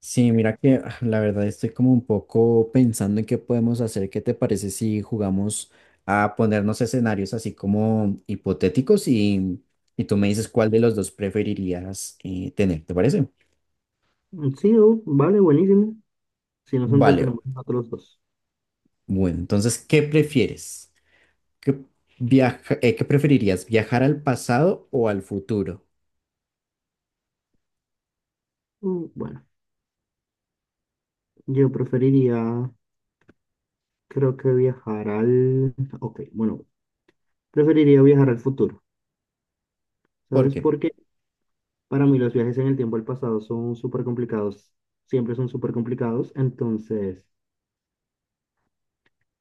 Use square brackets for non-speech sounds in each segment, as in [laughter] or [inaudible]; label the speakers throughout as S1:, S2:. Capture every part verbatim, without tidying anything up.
S1: Sí, mira que ah, la verdad estoy como un poco pensando en qué podemos hacer. ¿Qué te parece si jugamos a ponernos escenarios así como hipotéticos y, y tú me dices cuál de los dos preferirías eh, tener? ¿Te parece?
S2: Sí, oh, vale, buenísimo. Si nos
S1: Vale,
S2: entretenemos nosotros dos.
S1: bueno, entonces, ¿qué prefieres? ¿Qué viaja- eh, qué preferirías? ¿Viajar al pasado o al futuro?
S2: Mm, Bueno, yo preferiría, creo que viajar al... Ok, bueno, preferiría viajar al futuro.
S1: ¿Por
S2: ¿Sabes
S1: qué?
S2: por qué? Para mí los viajes en el tiempo al pasado son súper complicados. Siempre son súper complicados. Entonces,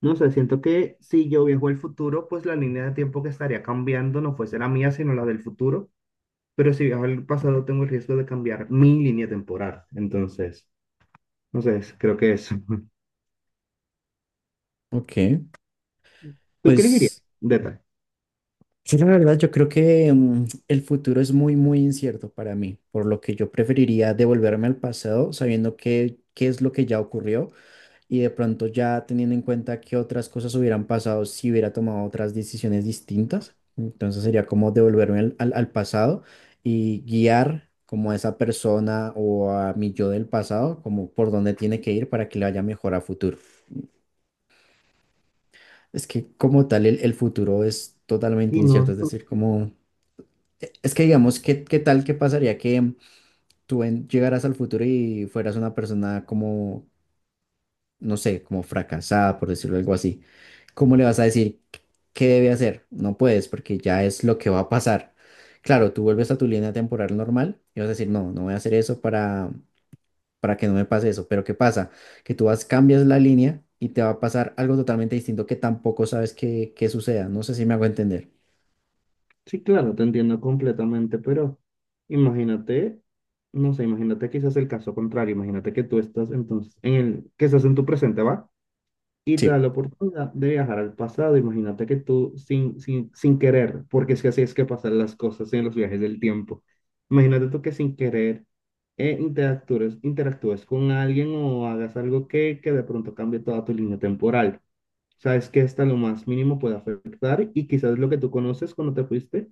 S2: no sé, siento que si yo viajo al futuro, pues la línea de tiempo que estaría cambiando no fuese la mía, sino la del futuro. Pero si viajo al pasado, tengo el riesgo de cambiar mi línea temporal. Entonces, no sé, creo que eso. [laughs]
S1: Ok,
S2: ¿Tú qué le dirías?
S1: pues
S2: Detalle.
S1: sí, la verdad, yo creo que mm, el futuro es muy, muy incierto para mí, por lo que yo preferiría devolverme al pasado sabiendo qué, qué es lo que ya ocurrió y de pronto ya teniendo en cuenta qué otras cosas hubieran pasado si hubiera tomado otras decisiones distintas. Entonces sería como devolverme al, al- al pasado y guiar como a esa persona o a mi yo del pasado, como por dónde tiene que ir para que le vaya mejor a futuro. Es que como tal el, el futuro es totalmente
S2: Y
S1: incierto,
S2: no,
S1: es decir, como... Es que digamos, ¿qué, qué tal qué pasaría que tú en- llegaras al futuro y fueras una persona como, no sé, como fracasada, por decirlo algo así? ¿Cómo le vas a decir qué qué debe hacer? No puedes, porque ya es lo que va a pasar. Claro, tú vuelves a tu línea temporal normal y vas a decir, no, no voy a hacer eso para, para que no me pase eso. Pero ¿qué pasa? Que tú vas, cambias la línea y te va a pasar algo totalmente distinto que tampoco sabes que, que suceda. No sé si me hago entender.
S2: sí, claro, te entiendo completamente, pero imagínate, no sé, imagínate quizás el caso contrario, imagínate que tú estás entonces en el, que estás en tu presente, ¿va? Y te da la
S1: Sí.
S2: oportunidad de viajar al pasado, imagínate que tú sin, sin, sin querer, porque es que así es que pasan las cosas en los viajes del tiempo, imagínate tú que sin querer eh, interactúes, interactúes con alguien o hagas algo que, que de pronto cambie toda tu línea temporal. Sabes que hasta lo más mínimo puede afectar y quizás lo que tú conoces cuando te fuiste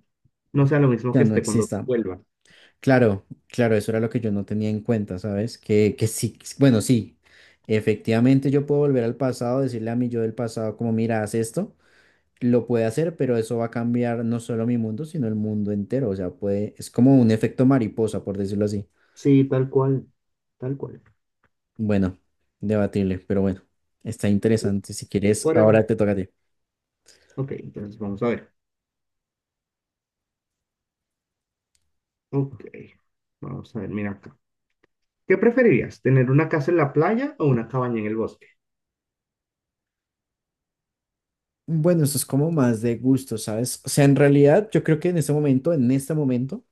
S2: no sea lo mismo
S1: Ya
S2: que
S1: no
S2: esté cuando
S1: exista.
S2: vuelvas.
S1: Claro, claro, eso era lo que yo no tenía en cuenta, ¿sabes? Que, que sí, bueno, sí, efectivamente yo puedo volver al pasado, decirle a mi yo del pasado como, mira, haz esto, lo puede hacer, pero eso va a cambiar no solo mi mundo, sino el mundo entero, o sea, puede, es como un efecto mariposa, por decirlo así.
S2: Sí, tal cual, tal cual.
S1: Bueno, debatible, pero bueno, está
S2: Sí,
S1: interesante. Si quieres,
S2: por
S1: ahora
S2: eso.
S1: te toca a ti.
S2: Ok, entonces vamos a ver. Ok, vamos a ver, mira acá. ¿Qué preferirías, tener una casa en la playa o una cabaña en el bosque?
S1: Bueno, eso es como más de gusto, ¿sabes? O sea, en realidad yo creo que en este momento, en este momento,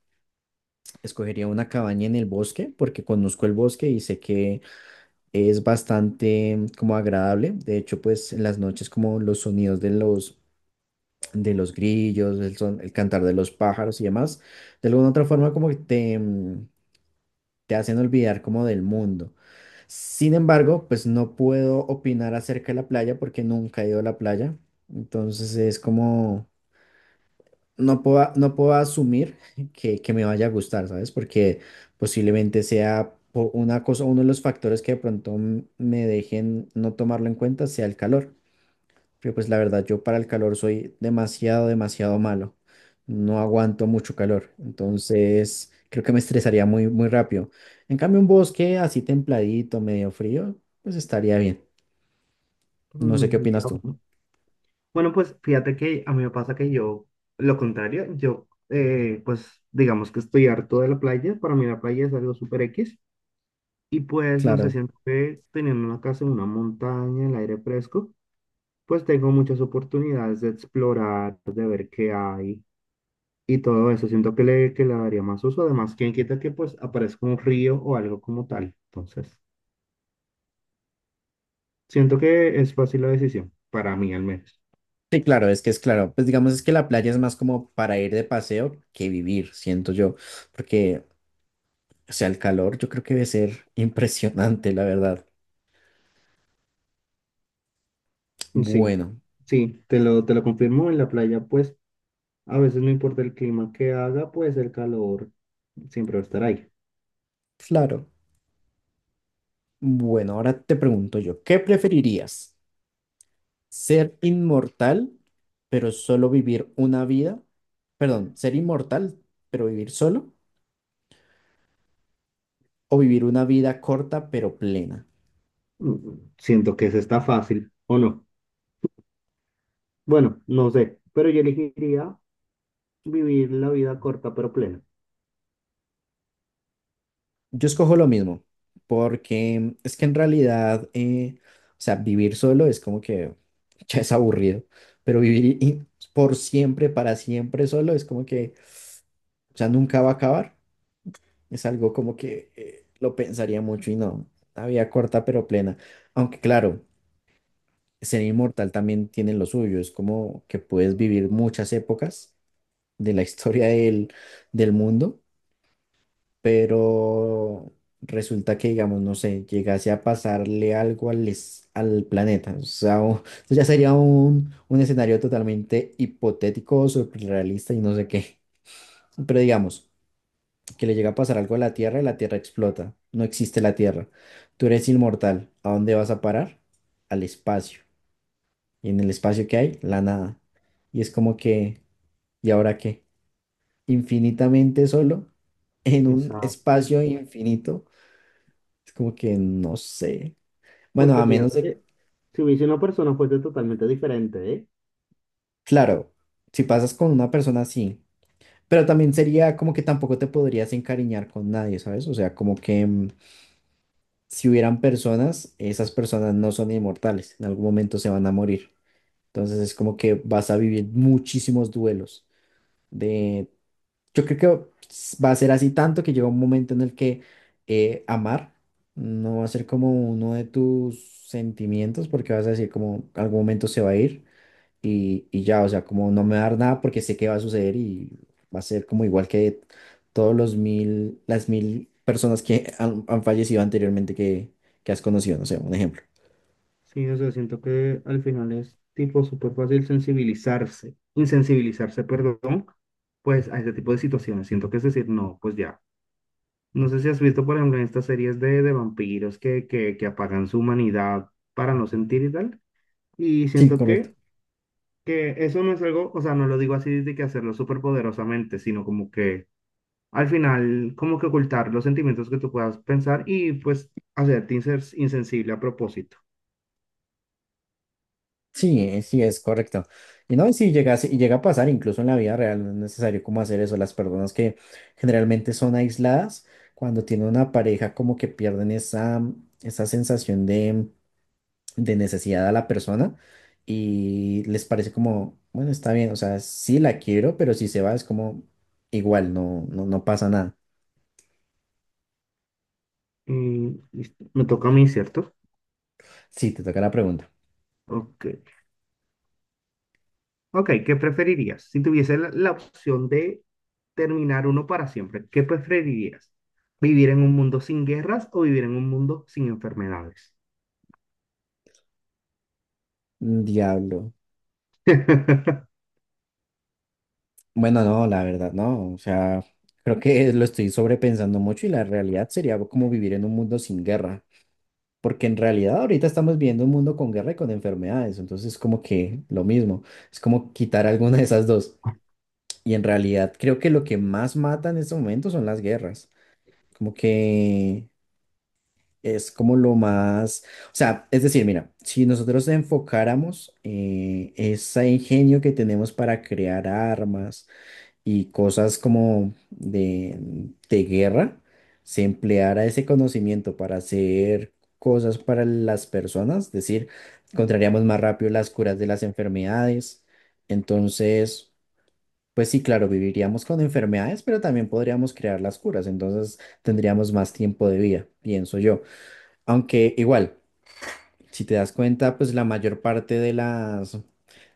S1: escogería una cabaña en el bosque porque conozco el bosque y sé que es bastante mm, como agradable. De hecho, pues en las noches como los sonidos de los, de los grillos, el, son- el cantar de los pájaros y demás, de alguna u otra forma como que te, mm, te hacen olvidar como del mundo. Sin embargo, pues no puedo opinar acerca de la playa porque nunca he ido a la playa. Entonces es como no puedo, no puedo asumir que, que me vaya a gustar, ¿sabes? Porque posiblemente sea po- una cosa, uno de los factores que de pronto m- me dejen no tomarlo en cuenta sea el calor. Pero pues la verdad, yo para el calor soy demasiado, demasiado malo. No aguanto mucho calor. Entonces, creo que me estresaría muy, muy rápido. En cambio, un bosque así templadito, medio frío, pues estaría bien. No sé qué
S2: Mm, ya,
S1: opinas tú.
S2: bueno. Bueno, pues fíjate que a mí me pasa que yo, lo contrario, yo, eh, pues digamos que estoy harto de la playa, para mí la playa es algo súper X. Y pues, no sé,
S1: Claro.
S2: siento que teniendo una casa en una montaña, en el aire fresco, pues tengo muchas oportunidades de explorar, de ver qué hay y todo eso. Siento que le, que le daría más uso. Además, quién quita que pues aparezca un río o algo como tal. Entonces, siento que es fácil la decisión, para mí al menos.
S1: Sí, claro, es que es claro. Pues digamos es que la playa es más como para ir de paseo que vivir, siento yo, porque, o sea, el calor yo creo que debe ser [laughs] impresionante, la verdad.
S2: Sí,
S1: Bueno,
S2: sí, te lo, te lo confirmo. En la playa, pues, a veces no importa el clima que haga, pues el calor siempre va a estar ahí.
S1: claro. Bueno, ahora te pregunto yo, ¿qué preferirías? ¿Ser inmortal, pero solo vivir una vida? Perdón, ¿ser inmortal, pero vivir solo? ¿O vivir una vida corta, pero plena?
S2: Mm, mm, Siento que se está fácil, ¿o no? Bueno, no sé, pero yo elegiría vivir la vida corta pero plena.
S1: Yo escojo lo mismo, porque es que en realidad, eh, o sea, vivir solo es como que [laughs] ya es aburrido, pero vivir y- por siempre, para siempre solo es como que, o sea, nunca va a acabar. Es algo como que eh, lo pensaría mucho y no, una vida corta pero plena. Aunque claro, ser inmortal también tiene lo suyo, es como que puedes vivir muchas épocas de la [laughs] historia del, del mundo, pero resulta que, digamos, no sé, llegase a pasarle algo al, es- al planeta. O sea, o- eso ya sería un, un escenario totalmente hipotético, surrealista y no sé qué. Pero digamos, que le llega a pasar algo a la Tierra y la Tierra explota. No existe la Tierra. Tú eres inmortal. ¿A dónde vas a parar? Al espacio. Y en el espacio que hay, la nada. Y es como que, ¿y ahora qué? Infinitamente solo en un
S2: Exacto.
S1: espacio infinito. Es como que no sé. Bueno,
S2: Porque
S1: a menos
S2: fíjate
S1: de,
S2: que si hubiese una persona fuese totalmente diferente, ¿eh?
S1: claro, si pasas con una persona así, pero también sería como que tampoco te podrías encariñar con nadie, ¿sabes? O sea, como que mm, si hubieran personas, esas personas no son inmortales, en algún momento se van a morir. Entonces es como que vas a vivir muchísimos duelos de, yo creo que s- va a ser así tanto que llega un momento en el que eh, amar no va a ser como uno de tus sentimientos porque vas a decir como algún momento se va a ir y, y ya, o sea, como no me va a dar nada porque sé que va a suceder y va a ser como igual que todos los mil, las mil personas que [laughs] han, han fallecido anteriormente que, que has conocido, no sé, un ejemplo.
S2: Sí, o sea, siento que al final es tipo súper fácil sensibilizarse, insensibilizarse, perdón, pues a este tipo de situaciones. Siento que es decir, no, pues ya. No sé si has visto, por ejemplo, en estas series de, de vampiros que, que, que apagan su humanidad para no sentir y tal. Y
S1: Sí,
S2: siento
S1: correcto.
S2: que que eso no es algo, o sea, no lo digo así de que hacerlo súper poderosamente, sino como que al final, como que ocultar los sentimientos que tú puedas pensar y pues hacerte insen- insensible a propósito.
S1: Sí, eh, sí, es correcto. Y no, y sí llega, a se- y llega a pasar incluso en la vida real, no es necesario como hacer eso. Las personas que generalmente son aisladas, cuando tienen una pareja, como que pierden esa, esa sensación de de necesidad a la persona y les parece como, bueno, está bien, o sea, sí la quiero, pero si se va es como igual, no, no, no pasa nada.
S2: Y listo, me toca a mí, ¿cierto?
S1: Sí, te toca la pregunta.
S2: Ok. Ok, ¿qué preferirías? Si tuviese la, la opción de terminar uno para siempre, ¿qué preferirías? ¿Vivir en un mundo sin guerras o vivir en un mundo sin enfermedades?
S1: Diablo.
S2: [laughs]
S1: Bueno, no, la verdad, no, o sea, creo que lo estoy sobrepensando mucho y la realidad sería como vivir en un mundo sin guerra. Porque en realidad ahorita estamos viviendo un mundo con guerra y con enfermedades, entonces como que lo mismo, es como quitar alguna de esas dos. Y en realidad creo que lo que más mata en este momento son las guerras. Como que es como lo más, o sea, es decir, mira, si nosotros enfocáramos eh, ese ingenio que tenemos para crear armas y cosas como de, de guerra, se empleara ese conocimiento para hacer cosas para las personas, es decir, encontraríamos más rápido las curas de las enfermedades. Entonces... Pues sí, claro, viviríamos con enfermedades, pero también podríamos crear las curas, entonces tendríamos más tiempo de vida, pienso yo. Aunque igual, si te das cuenta, pues la mayor parte de las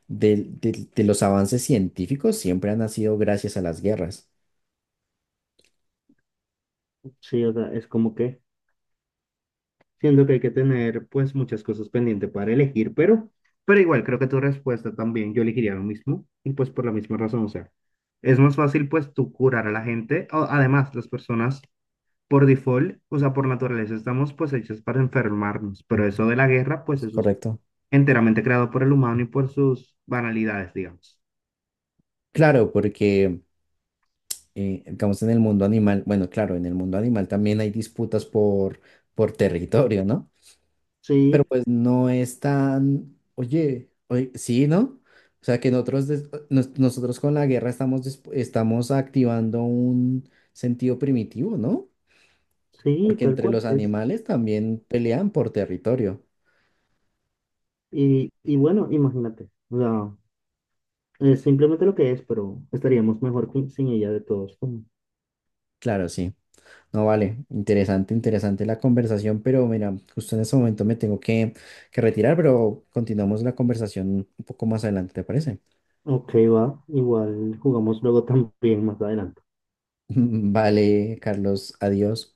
S1: de, de- de los avances científicos siempre han nacido gracias a las guerras.
S2: Sí, o sea, es como que siendo que hay que tener pues muchas cosas pendientes para elegir, pero, pero igual creo que tu respuesta también yo elegiría lo mismo y pues por la misma razón, o sea, es más fácil pues tú curar a la gente, o, además las personas por default, o sea, por naturaleza estamos pues hechas para enfermarnos, pero eso de la guerra pues
S1: ¿Es
S2: eso es
S1: correcto?
S2: enteramente creado por el humano y por sus banalidades, digamos.
S1: Claro, porque eh, digamos en el mundo animal, bueno, claro, en el mundo animal también hay disputas por por territorio, ¿no? Pero
S2: Sí,
S1: pues no es tan, oye, oye, sí, ¿no? O sea que nosotros, des- nos- nosotros con la guerra estamos, disp- estamos activando un sentido primitivo, ¿no?
S2: sí,
S1: Porque
S2: tal
S1: entre
S2: cual
S1: los
S2: es.
S1: animales también pelean por territorio.
S2: Y, y bueno, imagínate, o sea, es simplemente lo que es, pero estaríamos mejor con- sin ella de todos.
S1: Claro, sí. No, vale, interesante, interesante la conversación, pero mira, justo en ese momento me tengo que, que retirar, pero continuamos la conversación un poco más adelante, ¿te parece?
S2: Ok, va. Igual jugamos luego [laughs] también más adelante.
S1: [laughs] Vale, Carlos, adiós.